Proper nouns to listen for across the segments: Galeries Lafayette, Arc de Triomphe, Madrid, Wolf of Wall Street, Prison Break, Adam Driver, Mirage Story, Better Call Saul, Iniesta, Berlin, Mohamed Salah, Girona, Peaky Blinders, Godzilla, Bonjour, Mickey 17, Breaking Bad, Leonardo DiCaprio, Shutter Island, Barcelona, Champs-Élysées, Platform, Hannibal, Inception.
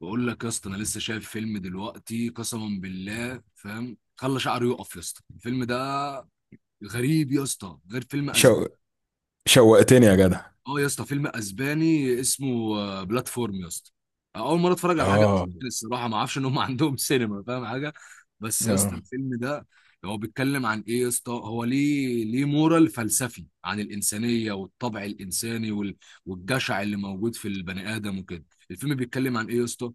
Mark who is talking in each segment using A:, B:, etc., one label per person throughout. A: بقول لك يا اسطى، انا لسه شايف فيلم دلوقتي قسما بالله، فاهم؟ خلى شعره يقف يا اسطى، الفيلم ده غريب يا اسطى، غير فيلم.
B: شو... شوقتني يا جدع.
A: اه يا اسطى، فيلم اسباني اسمه بلاتفورم يا اسطى. اول مره اتفرج على حاجه
B: اه
A: اسباني الصراحه، ما اعرفش ان هم عندهم سينما، فاهم حاجه؟ بس يا اسطى
B: اه
A: الفيلم ده هو بيتكلم عن ايه يا اسطى؟ هو ليه مورال فلسفي عن الانسانيه والطبع الانساني والجشع اللي موجود في البني ادم وكده. الفيلم بيتكلم عن ايه يا اسطى؟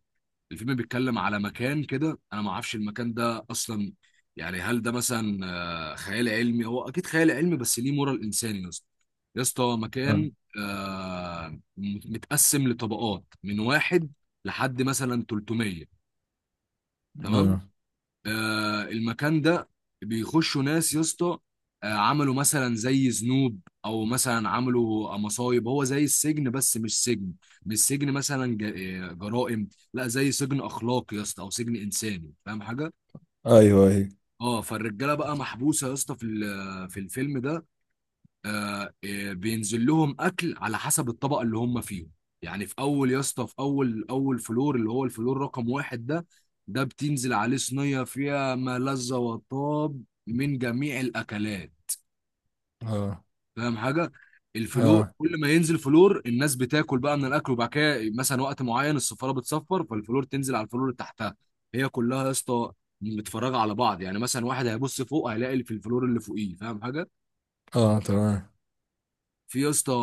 A: الفيلم بيتكلم على مكان كده، انا ما اعرفش المكان ده اصلا، يعني هل ده مثلا خيال علمي؟ هو اكيد خيال علمي، بس ليه مورال انساني يا اسطى. يا اسطى
B: اه
A: مكان متقسم لطبقات من واحد لحد مثلا 300، تمام.
B: آه.
A: المكان ده بيخشوا ناس يا اسطى، عملوا مثلا زي ذنوب او مثلا عملوا مصايب، هو زي السجن بس مش سجن. مش سجن مثلا جرائم، لا زي سجن اخلاقي يا اسطى او سجن انساني، فاهم حاجه؟
B: ايوه،
A: اه، فالرجاله بقى محبوسه يا اسطى في الفيلم ده. بينزل لهم اكل على حسب الطبقه اللي هم فيهم. يعني في اول يا اسطى، في اول اول فلور اللي هو الفلور رقم واحد، ده بتنزل عليه صينيه فيها ما لذ وطاب من جميع الاكلات،
B: اه
A: فاهم حاجه؟ الفلور
B: اه
A: كل ما ينزل فلور الناس بتاكل بقى من الاكل، وبعد كده مثلا وقت معين السفاره بتصفر، فالفلور تنزل على الفلور اللي تحتها. هي كلها يا اسطى متفرجه على بعض، يعني مثلا واحد هيبص فوق هيلاقي اللي في الفلور اللي فوقيه، فاهم حاجه؟
B: اه تمام.
A: في يا اسطى،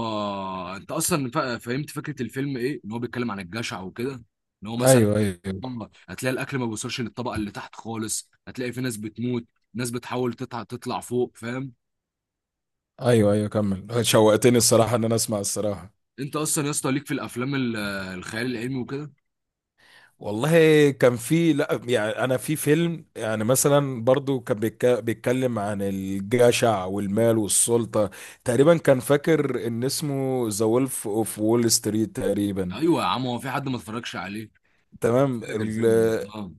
A: انت اصلا فهمت فكره الفيلم ايه، ان هو بيتكلم عن الجشع وكده، ان هو مثلا
B: ايوه ايوه
A: هتلاقي الاكل ما بيوصلش للطبقه اللي تحت خالص، هتلاقي في ناس بتموت، ناس بتحاول تطلع تطلع فوق، فاهم؟
B: ايوه كمل، شوقتني الصراحه ان انا اسمع الصراحه.
A: انت اصلا يا اسطى ليك في الافلام الخيال العلمي وكده؟
B: والله كان في، لا يعني انا في فيلم يعني مثلا برضو كان بيتكلم عن الجشع والمال والسلطه. تقريبا كان فاكر ان اسمه ذا وولف اوف وول ستريت تقريبا.
A: ايوه يا عم، هو في حد ما اتفرجش عليه
B: تمام.
A: فاجئ الفيلم ده؟ اه.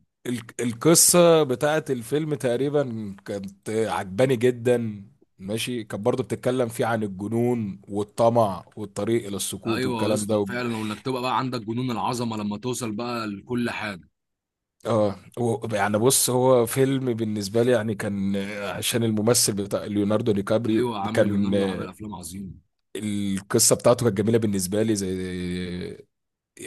B: القصة بتاعت الفيلم تقريبا كانت عجباني جدا. ماشي، كانت برضه بتتكلم فيه عن الجنون والطمع والطريق إلى السكوت
A: ايوه يا
B: والكلام
A: اسطى
B: ده
A: فعلا، وانك تبقى بقى عندك جنون العظمه لما توصل بقى لكل حاجه.
B: يعني بص، هو فيلم بالنسبة لي يعني كان، عشان الممثل بتاع ليوناردو دي كابريو
A: ايوه يا عم،
B: كان،
A: ليوناردو عمل افلام عظيمه.
B: القصة بتاعته كانت جميلة بالنسبة لي. زي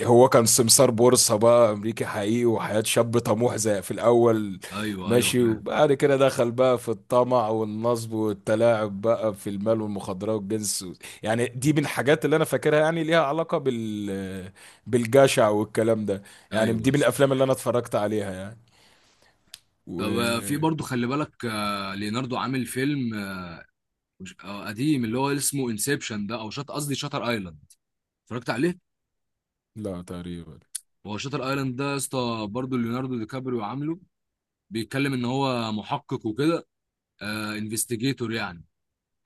B: هو كان سمسار بورصة بقى أمريكي حقيقي، وحياة شاب طموح زي في الأول.
A: ايوه ايوه
B: ماشي،
A: فاهم.
B: وبعد كده دخل بقى في الطمع والنصب والتلاعب بقى في المال والمخدرات والجنس و... يعني دي من الحاجات اللي أنا فاكرها، يعني ليها علاقة بال، بالجشع والكلام ده. يعني
A: ايوه
B: دي
A: يا
B: من
A: اسطى.
B: الأفلام اللي أنا اتفرجت عليها يعني.
A: طب في
B: و،
A: برضو خلي بالك، ليوناردو عامل فيلم قديم اللي هو اسمه انسبشن ده، او شط قصدي شاتر ايلاند. اتفرجت عليه؟
B: لا تقريبا.
A: هو شاتر ايلاند ده يا اسطى برضو ليوناردو دي كابريو عامله، بيتكلم ان هو محقق وكده، انفستيجيتور يعني.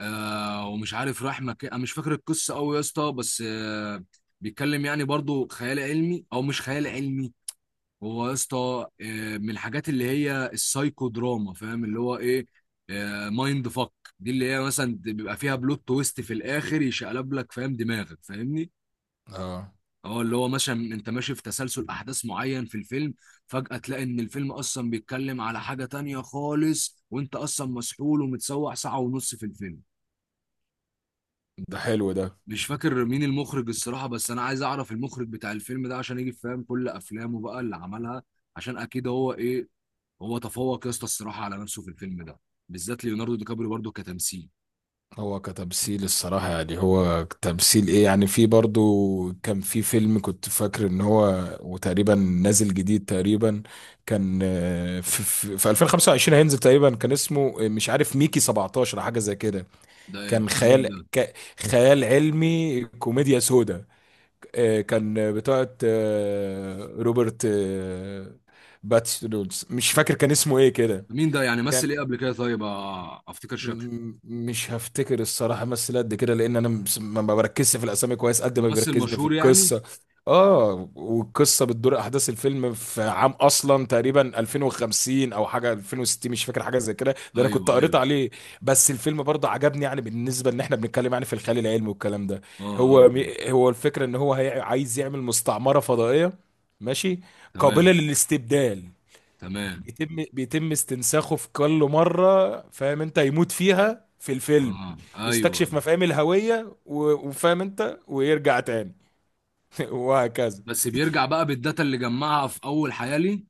A: ومش عارف راح مكان، انا مش فاكر القصه قوي يا اسطى، بس بيتكلم يعني برضو خيال علمي او مش خيال علمي. هو يا اسطى من الحاجات اللي هي السايكو دراما، فاهم اللي هو ايه؟ مايند فك. دي اللي هي مثلا بيبقى فيها بلوت تويست في الاخر يشقلب لك فاهم دماغك، فاهمني؟
B: اه.
A: اه، اللي هو مثلا انت ماشي في تسلسل احداث معين في الفيلم، فجأة تلاقي ان الفيلم اصلا بيتكلم على حاجة تانية خالص، وانت اصلا مسحول ومتسوح ساعة ونص في الفيلم.
B: ده حلو ده.
A: مش فاكر مين المخرج الصراحة، بس انا عايز اعرف المخرج بتاع الفيلم ده عشان يجي فاهم كل افلامه بقى اللي عملها، عشان اكيد هو ايه. هو تفوق يا اسطى الصراحه على نفسه في الفيلم ده، بالذات ليوناردو دي كابريو برضه كتمثيل.
B: هو كتمثيل الصراحة، يعني هو تمثيل ايه؟ يعني في برضو كان في فيلم كنت فاكر ان هو، وتقريبا نازل جديد تقريبا، كان، في 2025 هينزل تقريبا. كان اسمه، مش عارف، ميكي 17 أو حاجة زي كده.
A: ده
B: كان
A: بتاع مين
B: خيال،
A: ده؟
B: خيال علمي كوميديا سودا. كان بتاعت، روبرت، باتس رولز، مش فاكر كان اسمه ايه كده.
A: مين ده يعني مثل ايه قبل كده؟ طيب افتكر شكله.
B: مش هفتكر الصراحة مثل قد كده، لأن أنا ما بركزش في الأسامي كويس قد ما
A: ممثل
B: بيركزني في
A: مشهور يعني.
B: القصة. آه. والقصة بتدور، أحداث الفيلم في عام أصلا تقريبا 2050 أو حاجة 2060، مش فاكر حاجة زي كده، ده أنا
A: ايوه
B: كنت قريت
A: ايوه.
B: عليه. بس الفيلم برضه عجبني يعني، بالنسبة إن إحنا بنتكلم يعني في الخيال العلمي والكلام ده.
A: اه اه.
B: هو
A: آه.
B: هو الفكرة إن هو عايز يعمل مستعمرة فضائية. ماشي، قابلة
A: تمام.
B: للاستبدال.
A: تمام
B: بيتم استنساخه في كل مرة، فاهم انت، يموت فيها في الفيلم.
A: اه ايوه.
B: يستكشف مفاهيم الهوية وفاهم انت، ويرجع تاني وهكذا.
A: بس بيرجع بقى بالداتا اللي جمعها في اول حياه ليه؟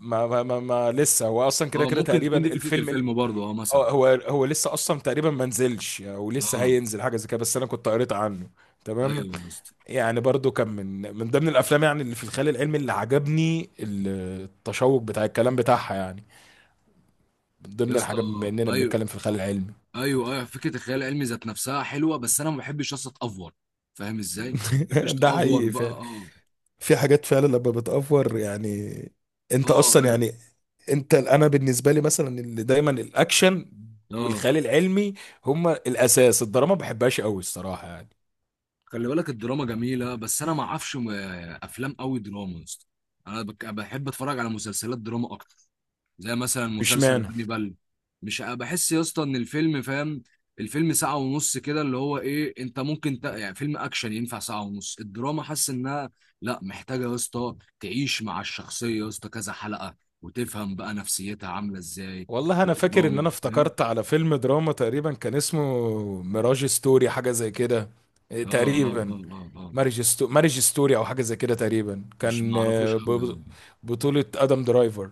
B: ما لسه هو اصلا كده
A: اه،
B: كده
A: ممكن
B: تقريبا
A: تكون دي فكره
B: الفيلم
A: الفيلم برضه اه مثلا.
B: اه، هو هو لسه اصلا تقريبا ما نزلش او لسه
A: اه
B: هينزل، حاجة زي كده، بس انا كنت قريت عنه. تمام.
A: ايوه يا اسطى.
B: يعني برضو كان من، من ضمن الافلام يعني اللي في الخيال العلمي اللي عجبني التشوق بتاع الكلام بتاعها يعني، من
A: يا
B: ضمن
A: اسطى
B: الحاجة بما اننا
A: ايوه
B: بنتكلم في الخيال العلمي.
A: ايوه. ايوه، فكره الخيال العلمي ذات نفسها حلوه، بس انا ما بحبش يا اسطى اتافور، فاهم ازاي؟ ما بحبش
B: ده
A: تافور
B: حقيقي
A: بقى
B: فعلا،
A: اه.
B: في حاجات فعلا لما بتأفور يعني. انت
A: اه
B: اصلا
A: انا
B: يعني، انت، انا بالنسبه لي مثلا اللي دايما الاكشن
A: اه.
B: والخيال العلمي هما الاساس. الدراما ما بحبهاش قوي الصراحه يعني.
A: خلي بالك الدراما جميله، بس انا ما اعرفش افلام قوي دراما يا اسطى. انا بحب اتفرج على مسلسلات دراما اكتر، زي مثلا
B: مش
A: مسلسل
B: معنى،
A: هانيبال. مش أ- بحس يا اسطى ان الفيلم فاهم، الفيلم ساعه ونص كده اللي هو ايه، انت ممكن يعني فيلم اكشن ينفع ساعه ونص، الدراما حاسس انها لا، محتاجه يا اسطى تعيش مع الشخصيه يا اسطى كذا حلقه، وتفهم بقى نفسيتها عامله ازاي.
B: والله انا فاكر ان
A: دراما
B: انا
A: فاهم.
B: افتكرت على فيلم دراما، تقريبا كان اسمه ميراج ستوري، حاجه زي كده.
A: اه اه
B: تقريبا
A: اه اه. اه
B: مارج ستوري او حاجه زي كده، تقريبا
A: مش
B: كان،
A: معرفوش قوي اه.
B: بطوله ادم درايفر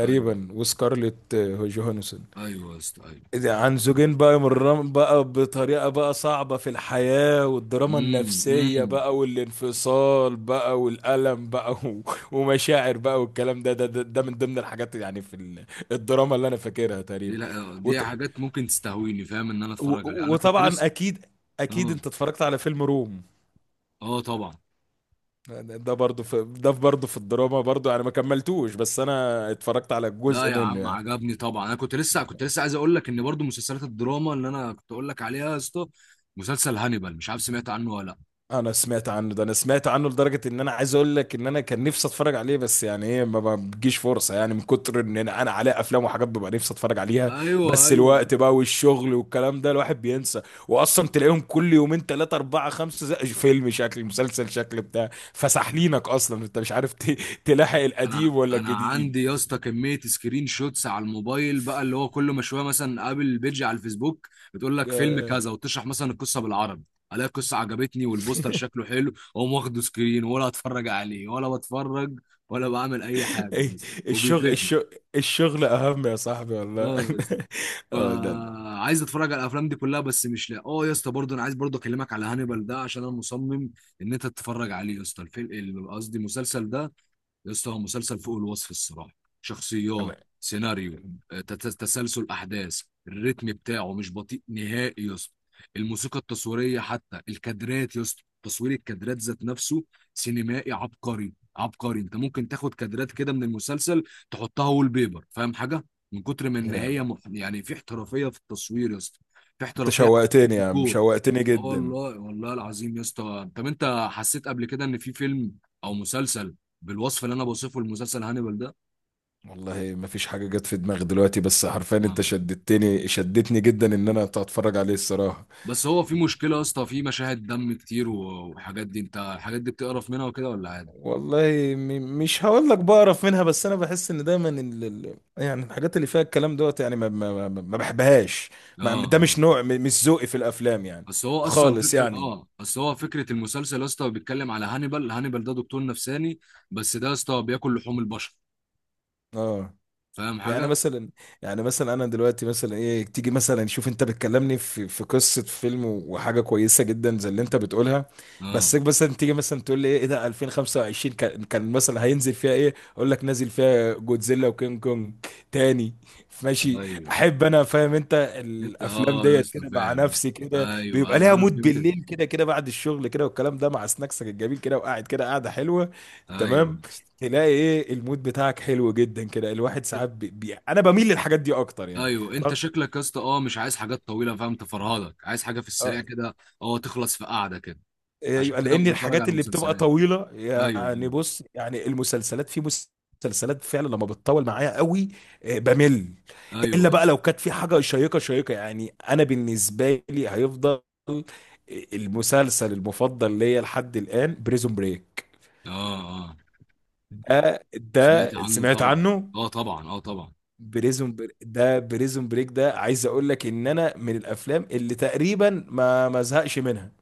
A: أيوه.
B: وسكارليت، جوهانسون.
A: ايوه يا اسطى ايوه.
B: عن زوجين بقى، مرام بقى بطريقة بقى صعبة في الحياة، والدراما
A: امم.
B: النفسية
A: امم.
B: بقى، والانفصال بقى، والألم بقى، ومشاعر بقى والكلام ده ده من ضمن الحاجات يعني في الدراما اللي أنا فاكرها
A: دي
B: تقريبا.
A: لا، دي
B: وط
A: حاجات ممكن تستهويني، فاهم ان انا اتفرج عليها، انا كنت
B: وطبعا
A: لسه.
B: أكيد، أكيد
A: اه
B: أنت اتفرجت على فيلم روم.
A: اه طبعا.
B: ده برضه في، ده برضه في الدراما برضه يعني، ما كملتوش، بس أنا اتفرجت على
A: لا
B: جزء
A: يا
B: منه
A: عم
B: يعني.
A: عجبني طبعا، انا كنت لسه عايز اقول لك ان برضو مسلسلات الدراما اللي انا كنت اقول لك عليها يا اسطى، مسلسل هانيبال، مش عارف سمعت عنه ولا لا؟
B: انا سمعت عنه ده، انا سمعت عنه لدرجه ان انا عايز اقول لك ان انا كان نفسي اتفرج عليه، بس يعني ايه، ما بتجيش فرصه يعني، من كتر ان انا، انا عليه افلام وحاجات ببقى نفسي اتفرج عليها.
A: ايوه
B: بس
A: ايوه.
B: الوقت بقى والشغل والكلام ده، الواحد بينسى. واصلا تلاقيهم كل يومين ثلاثه اربعه خمسه، زي فيلم شكل مسلسل شكل بتاع، فسحلينك اصلا انت مش عارف تلاحق
A: انا
B: القديم ولا
A: انا
B: الجديد.
A: عندي يا اسطى كميه سكرين شوتس على الموبايل بقى، اللي هو كل ما شويه مثلا قابل بيج على الفيسبوك، بتقول لك فيلم
B: آه.
A: كذا وتشرح مثلا القصه بالعربي، الاقي القصه عجبتني والبوستر شكله حلو، واقوم واخده سكرين، ولا اتفرج عليه ولا بتفرج ولا بعمل اي حاجه
B: إيه،
A: بس
B: الشغل،
A: وبيتركني.
B: الشغل، الشغل اهم يا صاحبي والله.
A: بس
B: اه ده
A: فعايز اتفرج على الافلام دي كلها بس مش لاقي. اه يا اسطى برضه انا عايز برضه اكلمك على هانيبال ده، عشان انا مصمم ان انت تتفرج عليه يا اسطى، الفيلم قصدي المسلسل ده. يا اسطى هو مسلسل فوق الوصف الصراحه. شخصيات، سيناريو،
B: انا
A: تسلسل احداث، الريتم بتاعه مش بطيء نهائي يا اسطى، الموسيقى التصويريه، حتى الكادرات يا اسطى تصوير الكادرات ذات نفسه سينمائي عبقري عبقري. انت ممكن تاخد كادرات كده من المسلسل تحطها وول بيبر، فاهم حاجه؟ من كتر ما ان هي يعني في احترافيه في التصوير يا اسطى، في
B: انت
A: احترافيه حتى في
B: شوقتني يا عم،
A: الديكور.
B: شوقتني
A: اه
B: جدا.
A: والله، والله العظيم يا اسطى. طب انت حسيت قبل كده ان في فيلم او مسلسل بالوصف اللي انا بوصفه المسلسل هانيبال ده؟
B: والله ما فيش حاجة جت في دماغي دلوقتي، بس حرفيا انت
A: آه.
B: شدتني، شدتني جدا ان انا اتفرج عليه الصراحة.
A: بس هو في مشكله يا اسطى، في مشاهد دم كتير و- وحاجات دي، انت الحاجات دي بتقرف منها وكده ولا عادي؟
B: والله، مش هقول لك بقرف منها، بس انا بحس ان دايما يعني الحاجات اللي فيها الكلام دوت يعني ما بحبهاش.
A: اه
B: ما... ده مش
A: اه.
B: نوع، مش ذوقي في الافلام يعني.
A: بس هو اصلا
B: خالص
A: فكره
B: يعني.
A: بس هو فكره المسلسل يا اسطى، بيتكلم على هانيبال. هانيبال ده دكتور نفساني، بس ده يا اسطى بياكل لحوم البشر،
B: اه.
A: فاهم
B: يعني
A: حاجه؟
B: مثلا، يعني مثلا انا دلوقتي مثلا ايه، تيجي مثلا، شوف انت بتكلمني في، في قصه فيلم وحاجه كويسه جدا زي اللي انت بتقولها.
A: اه
B: بس مثلا تيجي مثلا تقول لي ايه، إيه ده 2025 كان مثلا هينزل فيها ايه، اقول لك نازل فيها جودزيلا وكينج كونج تاني. ماشي،
A: ايوه.
B: احب انا فاهم انت.
A: انت
B: الافلام
A: اه يا
B: ديت
A: اسطى
B: كده مع
A: فاهم.
B: نفسي كده
A: ايوه
B: بيبقى
A: ايوه
B: ليها
A: انا
B: مود
A: فهمت.
B: بالليل كده كده بعد الشغل كده والكلام ده مع سناكسك الجميل كده، وقاعد كده، قاعده حلوه.
A: ايوه
B: تمام.
A: يا اسطى
B: تلاقي ايه المود بتاعك حلو جدا كده، الواحد ساعات انا بميل للحاجات دي اكتر يعني.
A: ايوه. انت
B: رغ...
A: شكلك يا اسطى اه مش عايز حاجات طويله، فاهم، تفرهدك، عايز حاجه في
B: آه،
A: السريع كده، اه تخلص في قعده كده. عشان
B: أيوة،
A: كده
B: لان
A: مش بتفرج
B: الحاجات
A: على
B: اللي بتبقى
A: مسلسلات.
B: طويله
A: ايوه
B: يعني،
A: ايوه.
B: بص يعني المسلسلات في، مسلسلات فعلا لما بتطول معايا قوي، بمل.
A: ايوه
B: الا
A: يا
B: بقى
A: اسطى.
B: لو كانت في حاجه شيقه شيقه يعني. انا بالنسبه لي هيفضل المسلسل المفضل ليا لحد الان بريزون بريك.
A: اه اه.
B: ده ده
A: سمعت عنه
B: سمعت
A: طبعا.
B: عنه؟
A: اه طبعا اه طبعا.
B: بريزون بريك ده، عايز اقول لك ان انا من الافلام اللي تقريبا ما زهقش منها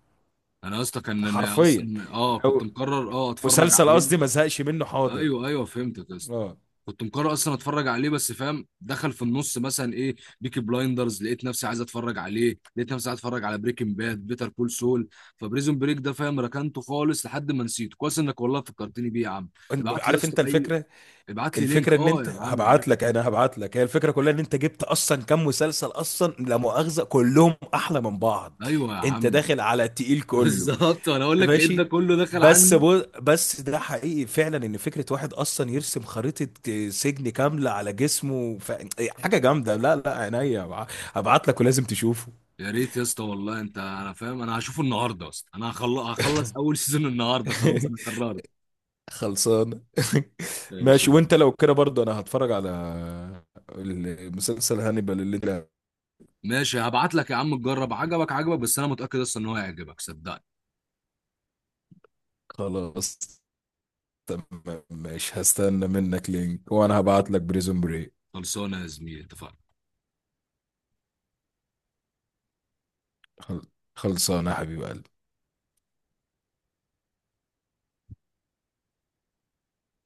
A: انا يا اسطى كان انا
B: حرفيا،
A: اصلا اه كنت
B: او
A: مقرر اه اتفرج
B: مسلسل
A: عليه.
B: قصدي، ما زهقش منه. حاضر.
A: ايوه ايوه فهمتك يا اسطى.
B: اه.
A: كنت مقرر اصلا اتفرج عليه بس فاهم، دخل في النص مثلا ايه، بيكي بلايندرز لقيت نفسي عايز اتفرج عليه، لقيت نفسي عايز اتفرج على بريكنج باد بيتر كول سول. فبريزون بريك ده فاهم ركنته خالص لحد ما نسيته، كويس انك والله فكرتني بيه يا عم. ابعت لي يا
B: عارف انت
A: اسطى،
B: الفكره،
A: ابعت لي لينك
B: الفكره ان
A: اه
B: انت،
A: يا عم، عارف الفيلم.
B: هبعت لك، هي الفكره كلها ان انت جبت اصلا كام مسلسل اصلا لا مؤاخذه كلهم احلى من بعض.
A: ايوه يا
B: انت
A: عم.
B: داخل على التقيل كله.
A: بالظبط، وانا اقول لك لقيت ده
B: ماشي.
A: كله دخل عندي.
B: بس ده حقيقي فعلا ان فكره واحد اصلا يرسم خريطه، سجن كامله على جسمه ف... إيه، حاجه جامده، لا لا عينيا. هبعت لك ولازم تشوفه.
A: يا ريت يا اسطى والله، انا فاهم، انا هشوفه النهارده اصلا، انا هخلص اول سيزون النهارده، خلاص انا قررت.
B: خلصان.
A: ماشي.
B: ماشي، وانت لو كده برضه انا هتفرج على المسلسل هانيبال اللي انت.
A: ماشي هبعت لك يا عم تجرب، عجبك عجبك بس انا متاكد اصلا ان هو هيعجبك صدقني.
B: خلاص، تمام ماشي، هستنى منك لينك وانا هبعت لك بريزون بري.
A: خلصانه يا زميلي، اتفقنا.
B: خلصانه يا حبيب قلبي.